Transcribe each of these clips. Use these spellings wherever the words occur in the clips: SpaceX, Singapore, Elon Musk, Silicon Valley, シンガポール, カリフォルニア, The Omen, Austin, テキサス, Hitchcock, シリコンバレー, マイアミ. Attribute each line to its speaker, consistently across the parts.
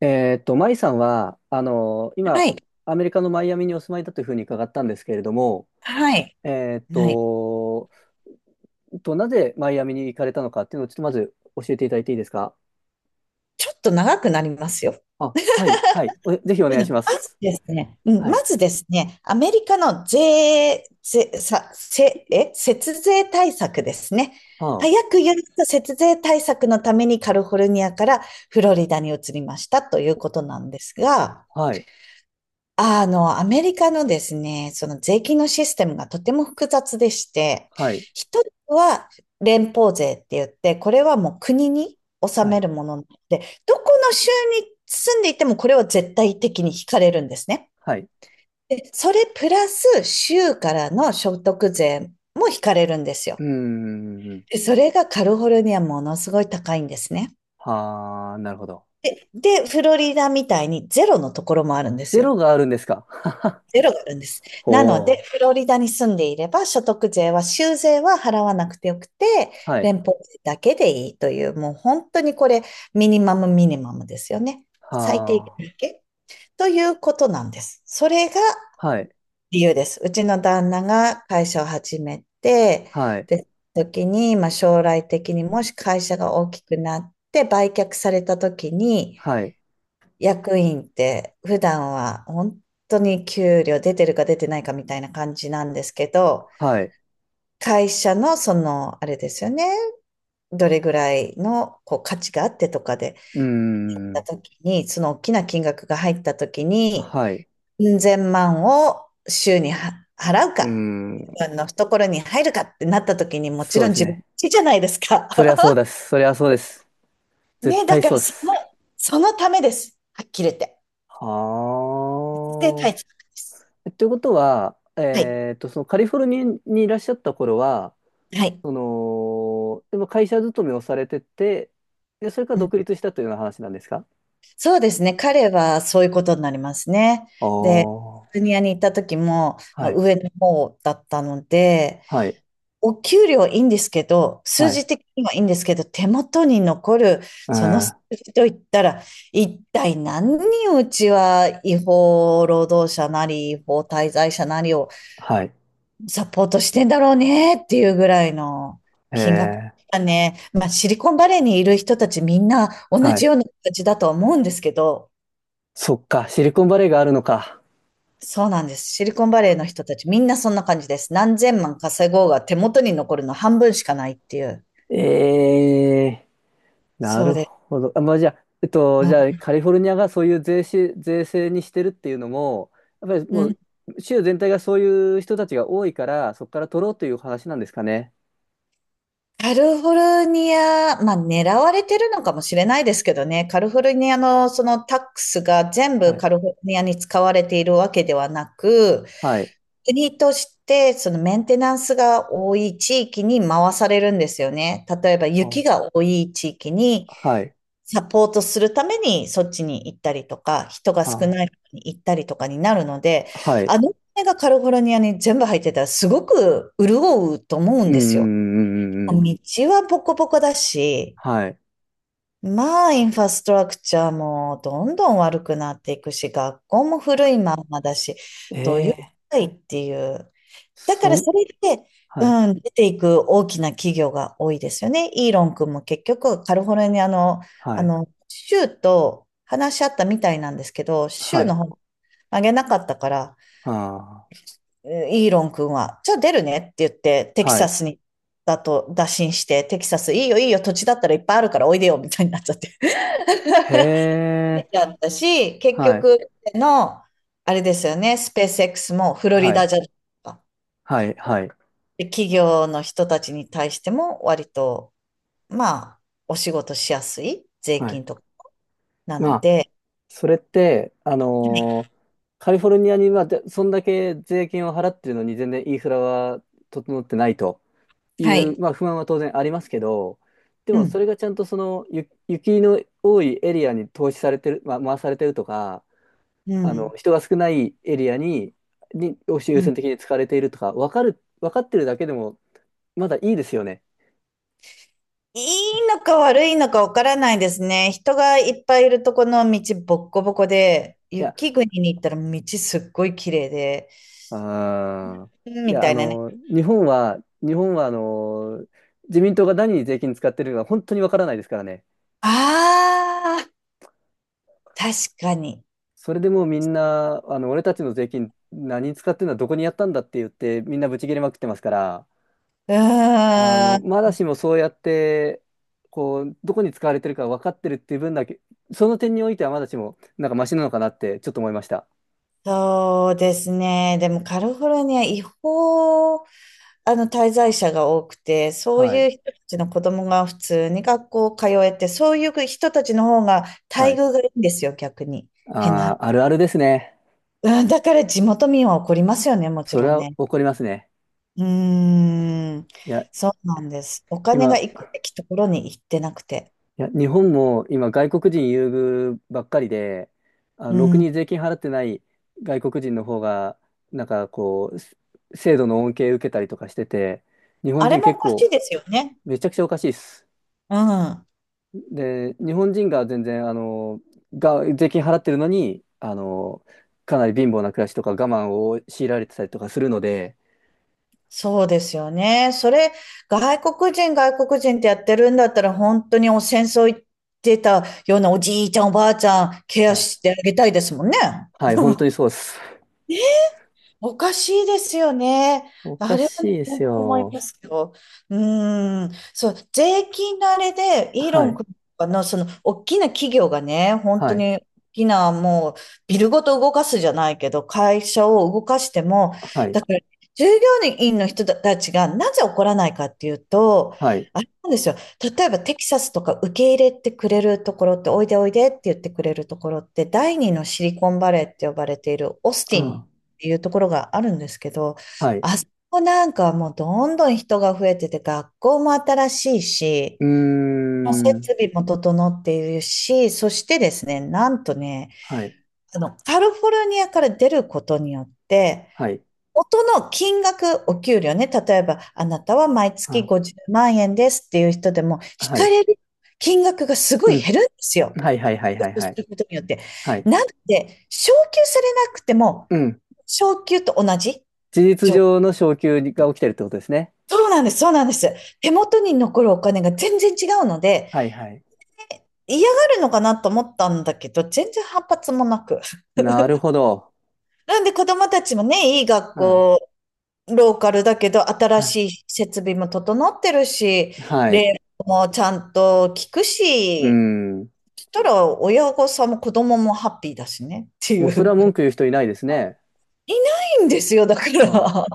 Speaker 1: マイさんは、
Speaker 2: は
Speaker 1: 今、
Speaker 2: い。
Speaker 1: アメリカのマイアミにお住まいだというふうに伺ったんですけれども、
Speaker 2: はい。
Speaker 1: えーっ
Speaker 2: はい。
Speaker 1: と、なぜマイアミに行かれたのかっていうのをちょっとまず教えていただいていいですか？
Speaker 2: ちょっと長くなりますよ。
Speaker 1: あ、はい、はい。おぜひお願い
Speaker 2: う
Speaker 1: し
Speaker 2: ん、
Speaker 1: ま
Speaker 2: まず
Speaker 1: す。
Speaker 2: ですね、うん、
Speaker 1: は
Speaker 2: ま
Speaker 1: い。
Speaker 2: ずですね、アメリカの税、税、さ、せ、え、節税対策ですね。
Speaker 1: は
Speaker 2: 早
Speaker 1: あ、
Speaker 2: く言うと節税対策のためにカリフォルニアからフロリダに移りましたということなんですが、
Speaker 1: はい、
Speaker 2: アメリカのですね、その税金のシステムがとても複雑でして、
Speaker 1: はい、
Speaker 2: 一つは連邦税って言って、これはもう国に納
Speaker 1: は
Speaker 2: め
Speaker 1: い、
Speaker 2: るものなので、どこの州に住んでいてもこれは絶対的に引かれるんですね。
Speaker 1: はい。
Speaker 2: で、それプラス州からの所得税も引かれるんです
Speaker 1: うー
Speaker 2: よ。
Speaker 1: ん。
Speaker 2: でそれがカリフォルニアものすごい高いんですね。
Speaker 1: はあ、なるほど。
Speaker 2: で、でフロリダみたいにゼロのところもあるんです
Speaker 1: ゼ
Speaker 2: よ。
Speaker 1: ロがあるんですか？
Speaker 2: ゼロがあるんです。なので、
Speaker 1: ほう。
Speaker 2: フロリダに住んでいれば、所得税は、州税は払わなくてよくて、
Speaker 1: はい。
Speaker 2: 連邦税だけでいいという、もう本当にこれ、ミニマムミニマムですよね。最低
Speaker 1: は
Speaker 2: 限だけということなんです。それが
Speaker 1: あ、はい、
Speaker 2: 理由です。うちの旦那が会社を始めて、
Speaker 1: はい、
Speaker 2: で、時に、まあ将来的にもし会社が大きくなって売却された時に、
Speaker 1: はい、
Speaker 2: 役員って普段は本当に給料出てるか出てないかみたいな感じなんですけど、
Speaker 1: はい。
Speaker 2: 会社のその、あれですよね、どれぐらいのこう価値があってとかで、
Speaker 1: うー
Speaker 2: た
Speaker 1: ん。
Speaker 2: 時に、その大きな金額が入った時に、
Speaker 1: はい。
Speaker 2: うん千万を週には払う
Speaker 1: う
Speaker 2: か、自
Speaker 1: ん。
Speaker 2: 分の懐に入るかってなった時にもち
Speaker 1: そう
Speaker 2: ろ
Speaker 1: で
Speaker 2: ん
Speaker 1: す
Speaker 2: 自分
Speaker 1: ね。
Speaker 2: ちじゃないですか。
Speaker 1: そりゃそうです。そりゃそうです。絶
Speaker 2: ね、だ
Speaker 1: 対
Speaker 2: か
Speaker 1: そ
Speaker 2: ら
Speaker 1: うで
Speaker 2: その、
Speaker 1: す。
Speaker 2: そのためです。はっきり言って。で、
Speaker 1: は
Speaker 2: 大
Speaker 1: あ。
Speaker 2: 切です。
Speaker 1: えということは、
Speaker 2: はい。
Speaker 1: そのカリフォルニアにいらっしゃった頃は、
Speaker 2: はい。
Speaker 1: その、でも会社勤めをされてて、で、それから
Speaker 2: うん
Speaker 1: 独立したというような話なんですか？
Speaker 2: そうですね。彼はそういうことになりますね。
Speaker 1: ああ
Speaker 2: で、
Speaker 1: ー。
Speaker 2: ジュニアに行った時も、まあ、
Speaker 1: はい。
Speaker 2: 上の方だったので、
Speaker 1: はい。
Speaker 2: お給料いいんですけど、数
Speaker 1: はい。
Speaker 2: 字的にはいいんですけど、手元に残る
Speaker 1: う
Speaker 2: その数
Speaker 1: ん。
Speaker 2: 字といったら、一体何人うちは違法労働者なり、違法滞在者なりを
Speaker 1: はい。
Speaker 2: サポートしてんだろうねっていうぐらいの
Speaker 1: え
Speaker 2: 金額。
Speaker 1: ー、
Speaker 2: ね、まあ、シリコンバレーにいる人たちみんな同
Speaker 1: は
Speaker 2: じ
Speaker 1: い。
Speaker 2: ような形だとは思うんですけど、
Speaker 1: そっか。シリコンバレーがあるのか。
Speaker 2: そうなんです。シリコンバレーの人たちみんなそんな感じです。何千万稼ごうが手元に残るの半分しかないっていう。
Speaker 1: ええ、な
Speaker 2: そう
Speaker 1: る
Speaker 2: です。
Speaker 1: ほど。あ、まあ、じゃあ、
Speaker 2: う
Speaker 1: じゃ
Speaker 2: ん
Speaker 1: あ、カリフォルニアがそういう税制にしてるっていうのも、やっぱり
Speaker 2: う
Speaker 1: も
Speaker 2: ん。
Speaker 1: う、州全体がそういう人たちが多いから、そこから取ろうという話なんですかね。
Speaker 2: カリフォルニア、まあ狙われてるのかもしれないですけどね、カリフォルニアのそのタックスが全
Speaker 1: は
Speaker 2: 部
Speaker 1: い。
Speaker 2: カリフォルニアに使われているわけではなく、
Speaker 1: はい。
Speaker 2: 国としてそのメンテナンスが多い地域に回されるんですよね。例えば雪
Speaker 1: あ、
Speaker 2: が多い地域に
Speaker 1: はい。
Speaker 2: サポートするためにそっちに行ったりとか、人が少
Speaker 1: あ、
Speaker 2: ないとこに行ったりとかになるので、
Speaker 1: はい。
Speaker 2: お金がカリフォルニアに全部入ってたらすごく潤うと思うん
Speaker 1: うんう
Speaker 2: ですよ。
Speaker 1: んうんうんう
Speaker 2: 道
Speaker 1: ん。
Speaker 2: はボコボコだし、
Speaker 1: はい。
Speaker 2: まあインフラストラクチャーもどんどん悪くなっていくし、学校も古いまんまだし、どういう世
Speaker 1: ええ、
Speaker 2: 界っていうだか
Speaker 1: そ
Speaker 2: ら
Speaker 1: ん、
Speaker 2: それで、
Speaker 1: はい。
Speaker 2: うん、出ていく大きな企業が多いですよね。イーロン君も結局、カリフォルニアの、
Speaker 1: はい。
Speaker 2: 州と話し合ったみたいなんですけど、
Speaker 1: は
Speaker 2: 州の
Speaker 1: い。
Speaker 2: 方上げなかったから、
Speaker 1: ああ、
Speaker 2: イーロン君は、じゃあ出るねって言って、テキ
Speaker 1: は
Speaker 2: サ
Speaker 1: い。
Speaker 2: スに、だと打診して、テキサス、いいよいいよ、土地だったらいっぱいあるからおいでよ、みたいになっちゃって。出
Speaker 1: へ
Speaker 2: ち
Speaker 1: え。
Speaker 2: ゃったし、結
Speaker 1: はい。
Speaker 2: 局の、あれですよね、スペース X もフロ
Speaker 1: は
Speaker 2: リダ
Speaker 1: い。
Speaker 2: じゃないですか
Speaker 1: はい。はい。
Speaker 2: で、企業の人たちに対しても割と、まあ、お仕事しやすい税
Speaker 1: はい。
Speaker 2: 金とかな
Speaker 1: ま
Speaker 2: の
Speaker 1: あ、
Speaker 2: で、
Speaker 1: それって、カリフォルニアにはでそんだけ税金を払ってるのに全然インフラは整ってないとい
Speaker 2: は
Speaker 1: う、
Speaker 2: い。
Speaker 1: まあ、不満は当然ありますけど、で
Speaker 2: う
Speaker 1: もそ
Speaker 2: ん、
Speaker 1: れがちゃんとそのゆ雪の多いエリアに投資されてる、まあ、回されてるとか、
Speaker 2: う
Speaker 1: あの
Speaker 2: ん、
Speaker 1: 人が少ないエリアに、にを
Speaker 2: う
Speaker 1: 優先的
Speaker 2: ん。
Speaker 1: に使われているとか分かる、分かってるだけでもまだいいですよね。
Speaker 2: いいのか悪いのかわからないですね。人がいっぱいいるとこの道ボッコボコで、
Speaker 1: いや、
Speaker 2: 雪国に行ったら道すっごい綺麗で、
Speaker 1: ああ、
Speaker 2: うん
Speaker 1: い
Speaker 2: み
Speaker 1: や、
Speaker 2: た
Speaker 1: あ
Speaker 2: いなね。
Speaker 1: の、日本は、あの、自民党が何に税金使ってるか本当にわからないですからね。
Speaker 2: ああ、確かに。
Speaker 1: それでもうみんな、あの、俺たちの税金何に使ってるのはどこにやったんだって言って、みんなブチ切れまくってますから、
Speaker 2: う
Speaker 1: あ
Speaker 2: ー
Speaker 1: の、ま
Speaker 2: ん、
Speaker 1: だしもそうやって、こう、どこに使われてるか分かってるっていう分だけ、その点においてはまだしも、なんかマシなのかなってちょっと思いました。
Speaker 2: そうですね。でもカリフォルニア違法滞在者が多くて、そう
Speaker 1: はい。
Speaker 2: いう人たちの子供が普通に学校通えて、そういう人たちの方が
Speaker 1: は
Speaker 2: 待
Speaker 1: い。
Speaker 2: 遇がいいんですよ、逆に。変な。
Speaker 1: ああ、あるあるですね。
Speaker 2: うん、だから地元民は怒りますよね、もち
Speaker 1: それ
Speaker 2: ろん
Speaker 1: は
Speaker 2: ね。
Speaker 1: 怒りますね。
Speaker 2: うーん、
Speaker 1: いや、
Speaker 2: そうなんです。お金が
Speaker 1: 今、
Speaker 2: 行くべきところに行ってなくて。
Speaker 1: いや、日本も今外国人優遇ばっかりで、あ
Speaker 2: う
Speaker 1: の、ろく
Speaker 2: ん、
Speaker 1: に税金払ってない外国人の方が、なんかこう、す制度の恩恵受けたりとかしてて、日本
Speaker 2: あれ
Speaker 1: 人
Speaker 2: も
Speaker 1: 結
Speaker 2: おかし
Speaker 1: 構
Speaker 2: いですよね。
Speaker 1: めちゃくちゃおかしいです。
Speaker 2: うん。
Speaker 1: で、日本人が全然、あの、が、税金払ってるのに、あの、かなり貧乏な暮らしとか我慢を強いられてたりとかするので、
Speaker 2: そうですよね。それ、外国人、外国人ってやってるんだったら、本当にお戦争行ってたようなおじいちゃん、おばあちゃん、ケ
Speaker 1: は
Speaker 2: ア
Speaker 1: い、
Speaker 2: してあげたいですもんね。
Speaker 1: はい、本当にそうです。
Speaker 2: おかしいですよね。
Speaker 1: お
Speaker 2: あ
Speaker 1: か
Speaker 2: れは
Speaker 1: し
Speaker 2: ね、
Speaker 1: いです
Speaker 2: 本当思いま
Speaker 1: よ。
Speaker 2: すよ。うーん。そう、税金のあれで、イー
Speaker 1: は
Speaker 2: ロン
Speaker 1: い、
Speaker 2: 君とかの、その、大きな企業がね、本
Speaker 1: は
Speaker 2: 当
Speaker 1: い、
Speaker 2: に、大きな、もう、ビルごと動かすじゃないけど、会社を動かしても、
Speaker 1: はい、
Speaker 2: だから、従業員の人たちがなぜ怒らないかっていうと、
Speaker 1: はい、
Speaker 2: あれなんですよ。例えば、テキサスとか受け入れてくれるところって、おいでおいでって言ってくれるところって、第二のシリコンバレーって呼ばれているオースティン
Speaker 1: あ、
Speaker 2: っていうところがあるんですけど、
Speaker 1: はい。
Speaker 2: あそこなんかはもうどんどん人が増えてて、学校も新しいし、
Speaker 1: うー
Speaker 2: 設
Speaker 1: ん。
Speaker 2: 備も整っているし、そしてですね、なんとね、
Speaker 1: はい。
Speaker 2: カリフォルニアから出ることによって、
Speaker 1: はい。
Speaker 2: 元の金額、お給料ね、例えば、あなたは毎月
Speaker 1: あ、
Speaker 2: 50万円ですっていう人でも、引
Speaker 1: は
Speaker 2: か
Speaker 1: い。
Speaker 2: れる金額がすご
Speaker 1: う
Speaker 2: い
Speaker 1: ん。
Speaker 2: 減るんですよ。
Speaker 1: はいはいはいはいは
Speaker 2: す
Speaker 1: い。
Speaker 2: ることによって。
Speaker 1: はい。
Speaker 2: なので、昇給されなくても、
Speaker 1: うん。
Speaker 2: 昇給と同じ
Speaker 1: 事実
Speaker 2: 状
Speaker 1: 上の昇給が起きてるってことですね。
Speaker 2: そうなんです、そうなんです。手元に残るお金が全然違うので、
Speaker 1: はいはい。
Speaker 2: 嫌がるのかなと思ったんだけど、全然反発もなく。
Speaker 1: なるほど。
Speaker 2: なんで子供たちもね、いい学
Speaker 1: うん。
Speaker 2: 校、ローカルだけど、新
Speaker 1: はい。
Speaker 2: しい設備も整ってるし、
Speaker 1: はい。
Speaker 2: 礼服もちゃんと聞く
Speaker 1: う
Speaker 2: し、
Speaker 1: ん。
Speaker 2: そしたら親御さんも子供もハッピーだしねって
Speaker 1: も
Speaker 2: い
Speaker 1: うそれは
Speaker 2: う。
Speaker 1: 文句 言う人いないですね。
Speaker 2: いないんですよ、だか
Speaker 1: は
Speaker 2: ら。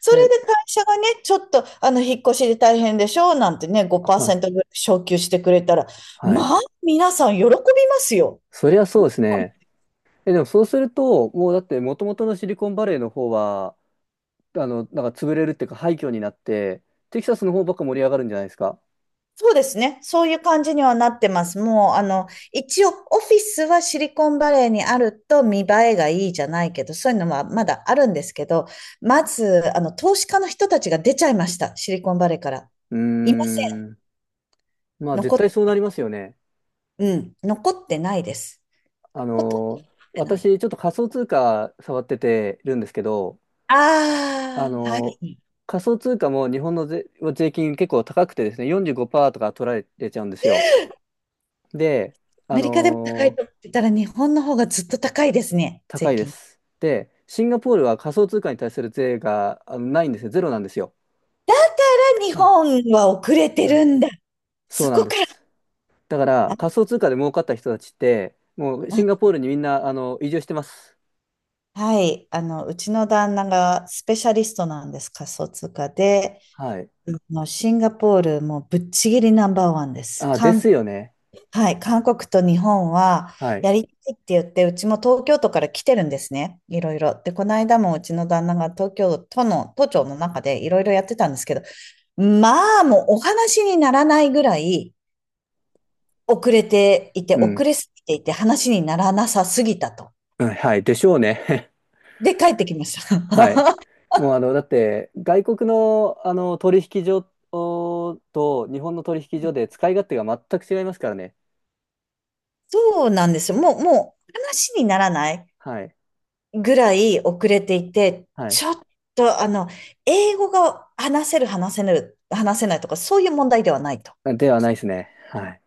Speaker 2: そ
Speaker 1: い。
Speaker 2: れ
Speaker 1: え、
Speaker 2: で会社がね、ちょっと、引っ越しで大変でしょなんてね、
Speaker 1: はい。
Speaker 2: 5%ぐらい昇給してくれたら、
Speaker 1: は
Speaker 2: ま
Speaker 1: い。
Speaker 2: あ、皆さん喜びますよ。
Speaker 1: そりゃそうですね。え、でもそうすると、もうだって元々のシリコンバレーの方は、あの、なんか潰れるっていうか廃墟になって、テキサスの方ばっか盛り上がるんじゃないですか。
Speaker 2: そうですね。そういう感じにはなってます。もう、一応、オフィスはシリコンバレーにあると見栄えがいいじゃないけど、そういうのはまだあるんですけど、まず、投資家の人たちが出ちゃいました。シリコンバレーから。
Speaker 1: うー
Speaker 2: いません。
Speaker 1: ん。まあ絶
Speaker 2: 残っ
Speaker 1: 対
Speaker 2: て、
Speaker 1: そうなりますよね。
Speaker 2: うん、残ってないです。ほとんど残ってない。
Speaker 1: 私ちょっと仮想通貨触っててるんですけど、あ
Speaker 2: ああ、は
Speaker 1: のー、
Speaker 2: い。
Speaker 1: 仮想通貨も日本の税、税金結構高くてですね、45%とか取られてちゃうんですよ。で、あ
Speaker 2: メリカでも高い
Speaker 1: のー、
Speaker 2: と思ってたら、日本の方がずっと高いですね、税
Speaker 1: 高いで
Speaker 2: 金。
Speaker 1: す。で、シンガポールは仮想通貨に対する税があのないんですよ。ゼロなんですよ。
Speaker 2: 日
Speaker 1: あ
Speaker 2: 本は遅れてる
Speaker 1: あ、
Speaker 2: んだ。
Speaker 1: そ
Speaker 2: そ
Speaker 1: うなん
Speaker 2: こ
Speaker 1: で
Speaker 2: か
Speaker 1: す。だか
Speaker 2: ら。
Speaker 1: ら
Speaker 2: あ、
Speaker 1: 仮想通貨で儲かった人たちって、もうシン
Speaker 2: あ
Speaker 1: ガポールにみんなあの移住してます。
Speaker 2: はい。うちの旦那がスペシャリストなんです、仮想通貨で。
Speaker 1: はい。
Speaker 2: あのシンガポールもうぶっちぎりナンバーワンです。
Speaker 1: あ、ですよね。
Speaker 2: はい。韓国と日本は
Speaker 1: はい。
Speaker 2: やりたいって言って、うちも東京都から来てるんですね。いろいろ。で、この間もうちの旦那が東京都の、都庁の中でいろいろやってたんですけど、まあ、もうお話にならないぐらい、遅れていて、
Speaker 1: うん。
Speaker 2: 遅れすぎていて、話にならなさすぎたと。
Speaker 1: うん、はい、でしょうね。
Speaker 2: で、帰ってきました。
Speaker 1: はい。もうあの、だって、外国の、あの取引所おと日本の取引所で使い勝手が全く違いますからね。
Speaker 2: そうなんですよ。もう、もう、話にならない
Speaker 1: はい。
Speaker 2: ぐらい遅れていて、
Speaker 1: はい。
Speaker 2: ちょっと、英語が話せる、話せぬ、話せないとか、そういう問題ではないと。
Speaker 1: ではないですね。はい。